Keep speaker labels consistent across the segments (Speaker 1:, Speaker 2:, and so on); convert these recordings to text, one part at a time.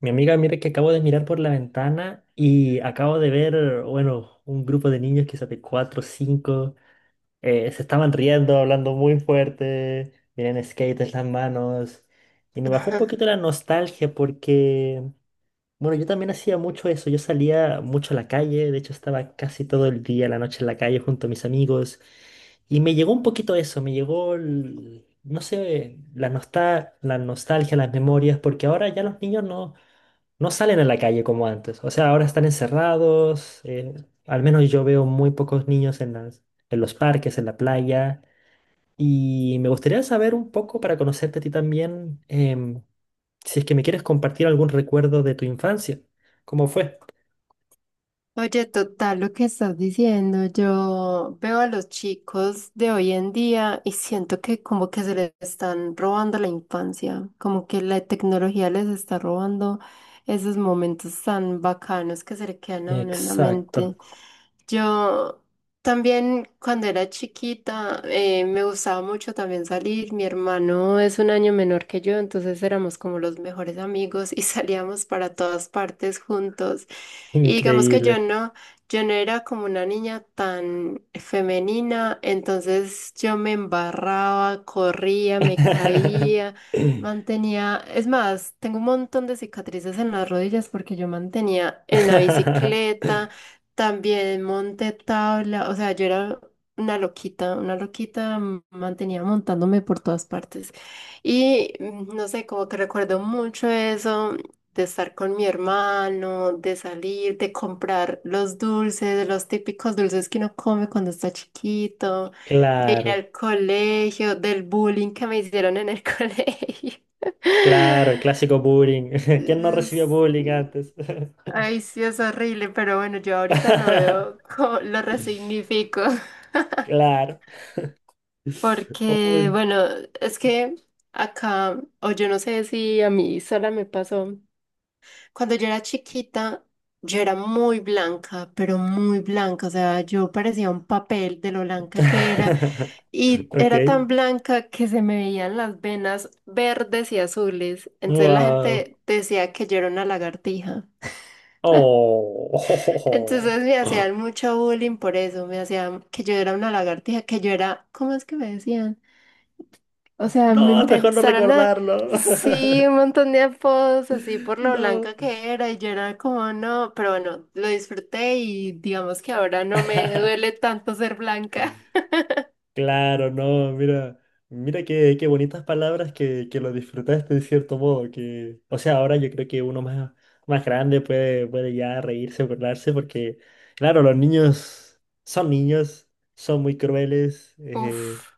Speaker 1: Mi amiga, mire que acabo de mirar por la ventana y acabo de ver, bueno, un grupo de niños, quizás de cuatro o 5, se estaban riendo, hablando muy fuerte, miren skate en las manos. Y me bajó un poquito la nostalgia porque, bueno, yo también hacía mucho eso, yo salía mucho a la calle, de hecho estaba casi todo el día, la noche en la calle junto a mis amigos. Y me llegó un poquito eso, me llegó, no sé, la, la nostalgia, las memorias, porque ahora ya los niños no salen a la calle como antes. O sea, ahora están encerrados. Al menos yo veo muy pocos niños en las, en los parques, en la playa. Y me gustaría saber un poco para conocerte a ti también, si es que me quieres compartir algún recuerdo de tu infancia. ¿Cómo fue?
Speaker 2: Oye, total, lo que estás diciendo, yo veo a los chicos de hoy en día y siento que como que se les están robando la infancia, como que la tecnología les está robando esos momentos tan bacanos que se le quedan a uno en la
Speaker 1: Exacto.
Speaker 2: mente. Yo también cuando era chiquita me gustaba mucho también salir. Mi hermano es un año menor que yo, entonces éramos como los mejores amigos y salíamos para todas partes juntos. Y digamos que
Speaker 1: Increíble.
Speaker 2: yo no era como una niña tan femenina, entonces yo me embarraba, corría, me caía, mantenía, es más, tengo un montón de cicatrices en las rodillas porque yo mantenía en la bicicleta. También monté tabla, o sea, yo era una loquita, mantenía montándome por todas partes. Y no sé, como que recuerdo mucho eso de estar con mi hermano, de salir, de comprar los dulces, los típicos dulces que uno come cuando está chiquito, de ir
Speaker 1: Claro,
Speaker 2: al colegio, del bullying que me hicieron en el colegio.
Speaker 1: claro, el clásico bullying. ¿Quién no recibía bullying antes?
Speaker 2: Ay, sí, es horrible, pero bueno, yo ahorita lo veo, lo resignifico,
Speaker 1: Claro. Oh,
Speaker 2: porque bueno, es que acá, o yo no sé si a mí sola me pasó, cuando yo era chiquita, yo era muy blanca, pero muy blanca, o sea, yo parecía un papel de lo blanca que era, y
Speaker 1: Ok.
Speaker 2: era tan blanca que se me veían las venas verdes y azules, entonces la
Speaker 1: Wow.
Speaker 2: gente decía que yo era una lagartija.
Speaker 1: Oh.
Speaker 2: Entonces me hacían mucho bullying por eso, me hacían que yo era una lagartija, que yo era, ¿cómo es que me decían? O sea,
Speaker 1: No, es mejor no recordarlo.
Speaker 2: sí, un montón de apodos así por lo
Speaker 1: No.
Speaker 2: blanca que era y yo era como, no, pero bueno, lo disfruté y digamos que ahora no me duele tanto ser blanca.
Speaker 1: Claro, no, mira. Mira qué, qué bonitas palabras que lo disfrutaste de cierto modo. Que, o sea, ahora yo creo que uno más, más grande puede, puede ya reírse, burlarse, porque, claro, los niños, son muy crueles.
Speaker 2: Uf.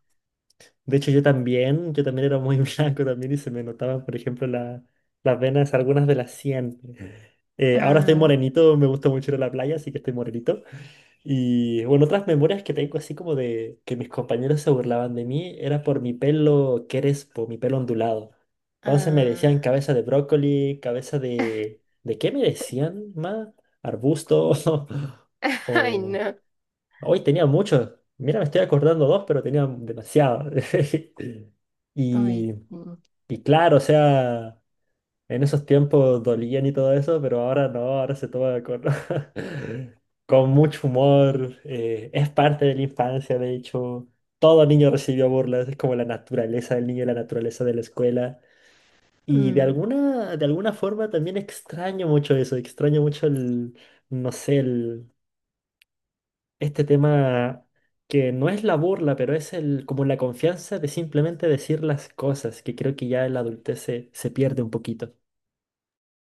Speaker 1: De hecho, yo también era muy blanco también y se me notaban, por ejemplo, las venas, algunas de las 100. Ahora estoy
Speaker 2: Ah,
Speaker 1: morenito, me gusta mucho ir a la playa, así que estoy morenito. Y bueno, otras memorias que tengo así como de que mis compañeros se burlaban de mí era por mi pelo crespo, mi pelo ondulado. Entonces me decían
Speaker 2: ah.
Speaker 1: cabeza de brócoli, cabeza de… ¿De qué me decían más? ¿Arbusto?
Speaker 2: Ay,
Speaker 1: o,
Speaker 2: no.
Speaker 1: hoy tenía muchos. Mira, me estoy acordando dos, pero tenía demasiado. Y,
Speaker 2: Ay, sí.
Speaker 1: y claro, o sea, en esos tiempos dolían y todo eso, pero ahora no, ahora se toma con, con mucho humor. Es parte de la infancia, de hecho. Todo niño recibió burlas, es como la naturaleza del niño y la naturaleza de la escuela. Y
Speaker 2: Mm.
Speaker 1: de alguna forma también extraño mucho eso, extraño mucho el, no sé, el este tema que no es la burla, pero es el, como la confianza de simplemente decir las cosas, que creo que ya en la adultez se, se pierde un poquito.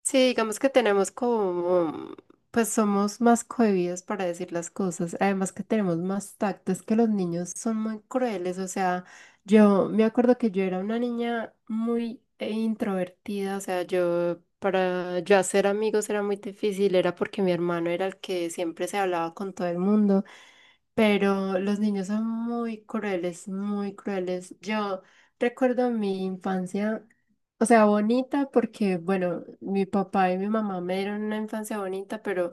Speaker 2: Sí, digamos que tenemos como, pues somos más cohibidos para decir las cosas, además que tenemos más tacto, es que los niños son muy crueles, o sea, yo me acuerdo que yo era una niña muy introvertida, o sea, yo para yo hacer amigos era muy difícil, era porque mi hermano era el que siempre se hablaba con todo el mundo. Pero los niños son muy crueles, muy crueles. Yo recuerdo mi infancia, o sea, bonita porque, bueno, mi papá y mi mamá me dieron una infancia bonita, pero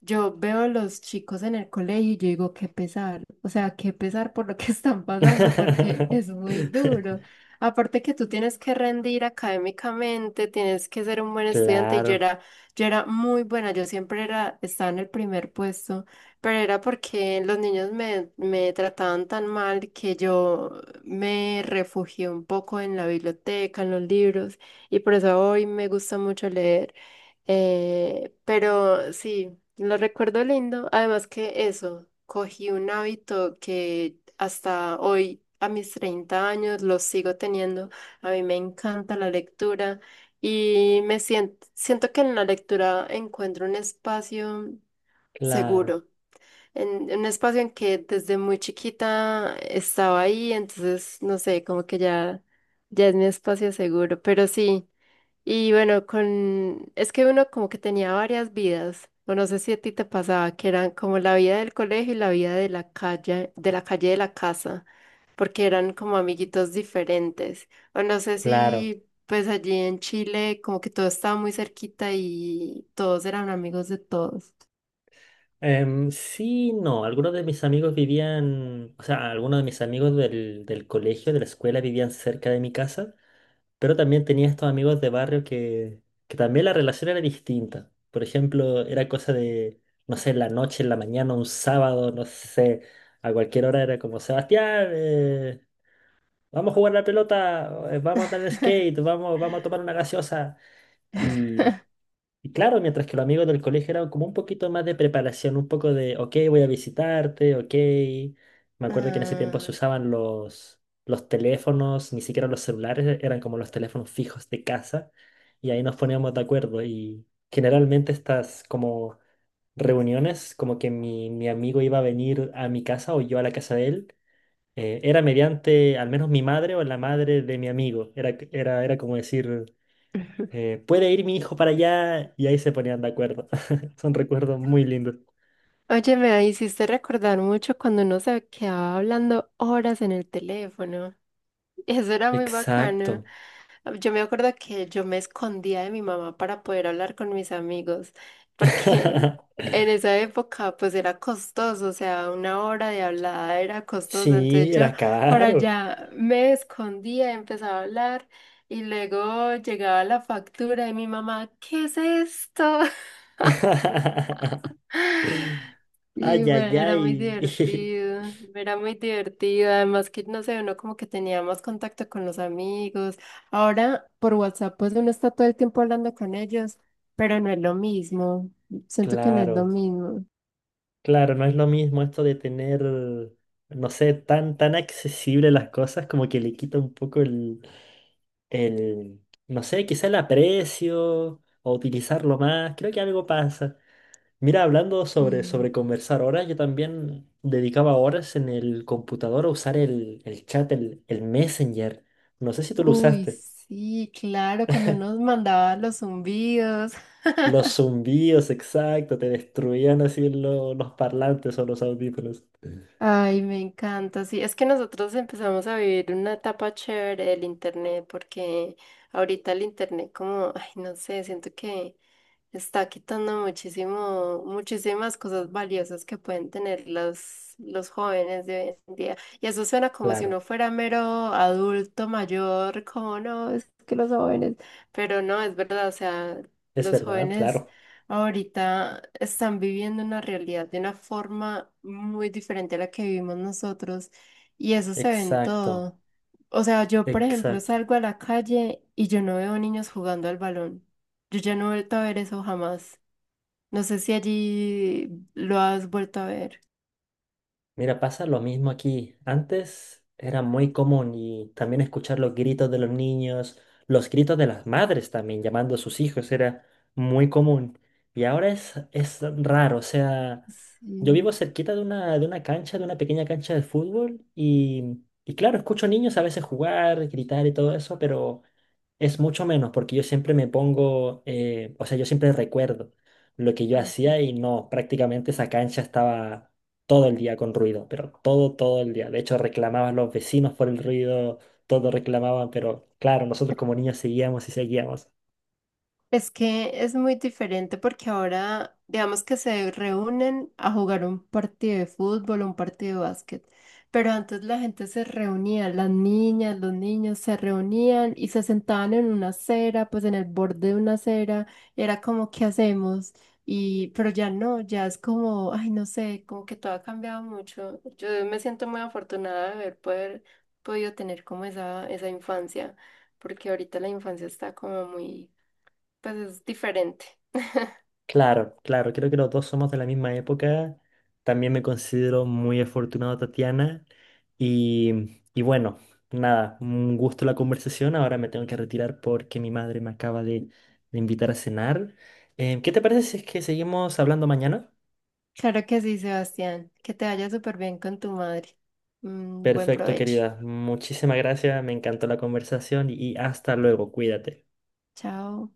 Speaker 2: yo veo a los chicos en el colegio y yo digo, qué pesar, o sea, qué pesar por lo que están pasando, porque es muy duro. Aparte que tú tienes que rendir académicamente, tienes que ser un buen estudiante y
Speaker 1: Claro,
Speaker 2: yo era muy buena, yo siempre era, estaba en el primer puesto, pero era porque los niños me trataban tan mal que yo me refugié un poco en la biblioteca, en los libros, y por eso hoy me gusta mucho leer. Pero sí. Lo recuerdo lindo. Además que eso, cogí un hábito que hasta hoy, a mis 30 años, lo sigo teniendo. A mí me encanta la lectura y me siento, siento que en la lectura encuentro un espacio
Speaker 1: claro,
Speaker 2: seguro. En un espacio en que desde muy chiquita estaba ahí, entonces, no sé, como que ya es mi espacio seguro. Pero sí. Y bueno, con es que uno como que tenía varias vidas, o no sé si a ti te pasaba, que eran como la vida del colegio y la vida de la calle, de la casa, porque eran como amiguitos diferentes. O no sé
Speaker 1: claro.
Speaker 2: si pues allí en Chile como que todo estaba muy cerquita y todos eran amigos de todos.
Speaker 1: Sí, no, algunos de mis amigos vivían, o sea, algunos de mis amigos del, del colegio, de la escuela, vivían cerca de mi casa. Pero también tenía estos amigos de barrio que también la relación era distinta. Por ejemplo, era cosa de, no sé, en la noche, en la mañana, un sábado, no sé, a cualquier hora era como, Sebastián, vamos a jugar la pelota, vamos a andar en skate, vamos, vamos a tomar una gaseosa. y y claro, mientras que los amigos del colegio eran como un poquito más de preparación, un poco de, ok, voy a visitarte, ok. Me acuerdo que en ese tiempo se
Speaker 2: Ah.
Speaker 1: usaban los teléfonos, ni siquiera los celulares, eran como los teléfonos fijos de casa. Y ahí nos poníamos de acuerdo. Y generalmente estas como reuniones, como que mi amigo iba a venir a mi casa o yo a la casa de él, era mediante al menos mi madre o la madre de mi amigo. Era, era, era como decir ¿puede ir mi hijo para allá? Y ahí se ponían de acuerdo. Son recuerdos muy lindos.
Speaker 2: Oye, me hiciste recordar mucho cuando uno se quedaba hablando horas en el teléfono. Eso era muy bacano.
Speaker 1: Exacto.
Speaker 2: Ah, yo me acuerdo que yo me escondía de mi mamá para poder hablar con mis amigos, porque en esa época pues era costoso, o sea, una hora de hablada era costosa, entonces
Speaker 1: Sí,
Speaker 2: yo
Speaker 1: era
Speaker 2: por
Speaker 1: caro.
Speaker 2: allá me escondía, empezaba a hablar y luego llegaba la factura de mi mamá, ¿qué es esto?
Speaker 1: Ay,
Speaker 2: Sí,
Speaker 1: ay,
Speaker 2: bueno,
Speaker 1: ay.
Speaker 2: era muy divertido, además que no sé, uno como que tenía más contacto con los amigos. Ahora por WhatsApp pues uno está todo el tiempo hablando con ellos, pero no es lo mismo, siento que no es lo
Speaker 1: Claro,
Speaker 2: mismo.
Speaker 1: claro, no es lo mismo esto de tener, no sé, tan, tan accesible las cosas, como que le quita un poco el, no sé, quizá el aprecio o utilizarlo más. Creo que algo pasa. Mira, hablando sobre,
Speaker 2: Mm.
Speaker 1: sobre conversar horas, yo también dedicaba horas en el computador a usar el chat, el Messenger. No sé si tú lo
Speaker 2: Uy,
Speaker 1: usaste.
Speaker 2: sí, claro, cuando nos mandaba los zumbidos.
Speaker 1: Los zumbidos, exacto, te destruían así los parlantes o los audífonos.
Speaker 2: Ay, me encanta. Sí, es que nosotros empezamos a vivir una etapa chévere del internet, porque ahorita el internet como, ay, no sé, siento que está quitando muchísimas cosas valiosas que pueden tener los jóvenes de hoy en día. Y eso suena como si
Speaker 1: Claro,
Speaker 2: uno fuera mero adulto mayor, como no, es que los jóvenes, pero no, es verdad, o sea,
Speaker 1: es
Speaker 2: los
Speaker 1: verdad,
Speaker 2: jóvenes
Speaker 1: claro.
Speaker 2: ahorita están viviendo una realidad de una forma muy diferente a la que vivimos nosotros y eso se ve en
Speaker 1: Exacto,
Speaker 2: todo. O sea, yo, por ejemplo,
Speaker 1: exacto.
Speaker 2: salgo a la calle y yo no veo niños jugando al balón. Yo ya no he vuelto a ver eso jamás. No sé si allí lo has vuelto a ver.
Speaker 1: Mira, pasa lo mismo aquí. Antes era muy común y también escuchar los gritos de los niños, los gritos de las madres también llamando a sus hijos era muy común. Y ahora es raro, o sea, yo
Speaker 2: Sí.
Speaker 1: vivo cerquita de una cancha, de una pequeña cancha de fútbol y claro, escucho niños a veces jugar, gritar y todo eso, pero es mucho menos porque yo siempre me pongo, o sea, yo siempre recuerdo lo que yo hacía y no, prácticamente esa cancha estaba todo el día con ruido, pero todo, todo el día. De hecho, reclamaban los vecinos por el ruido, todos reclamaban, pero claro, nosotros como niños seguíamos y seguíamos.
Speaker 2: Es que es muy diferente porque ahora, digamos que se reúnen a jugar un partido de fútbol, un partido de básquet, pero antes la gente se reunía, las niñas, los niños se reunían y se sentaban en una acera, pues en el borde de una acera, y era como, ¿qué hacemos? Y, pero ya no, ya es como, ay, no sé, como que todo ha cambiado mucho. Yo me siento muy afortunada de haber podido tener como esa infancia, porque ahorita la infancia está como muy pues es diferente.
Speaker 1: Claro, claro, creo que los dos somos de la misma época. También me considero muy afortunado, Tatiana. Y bueno, nada, un gusto la conversación. Ahora me tengo que retirar porque mi madre me acaba de invitar a cenar. ¿Qué te parece si es que seguimos hablando mañana?
Speaker 2: Claro que sí, Sebastián. Que te vaya súper bien con tu madre. Mm, buen
Speaker 1: Perfecto,
Speaker 2: provecho.
Speaker 1: querida. Muchísimas gracias. Me encantó la conversación y hasta luego. Cuídate.
Speaker 2: Chao.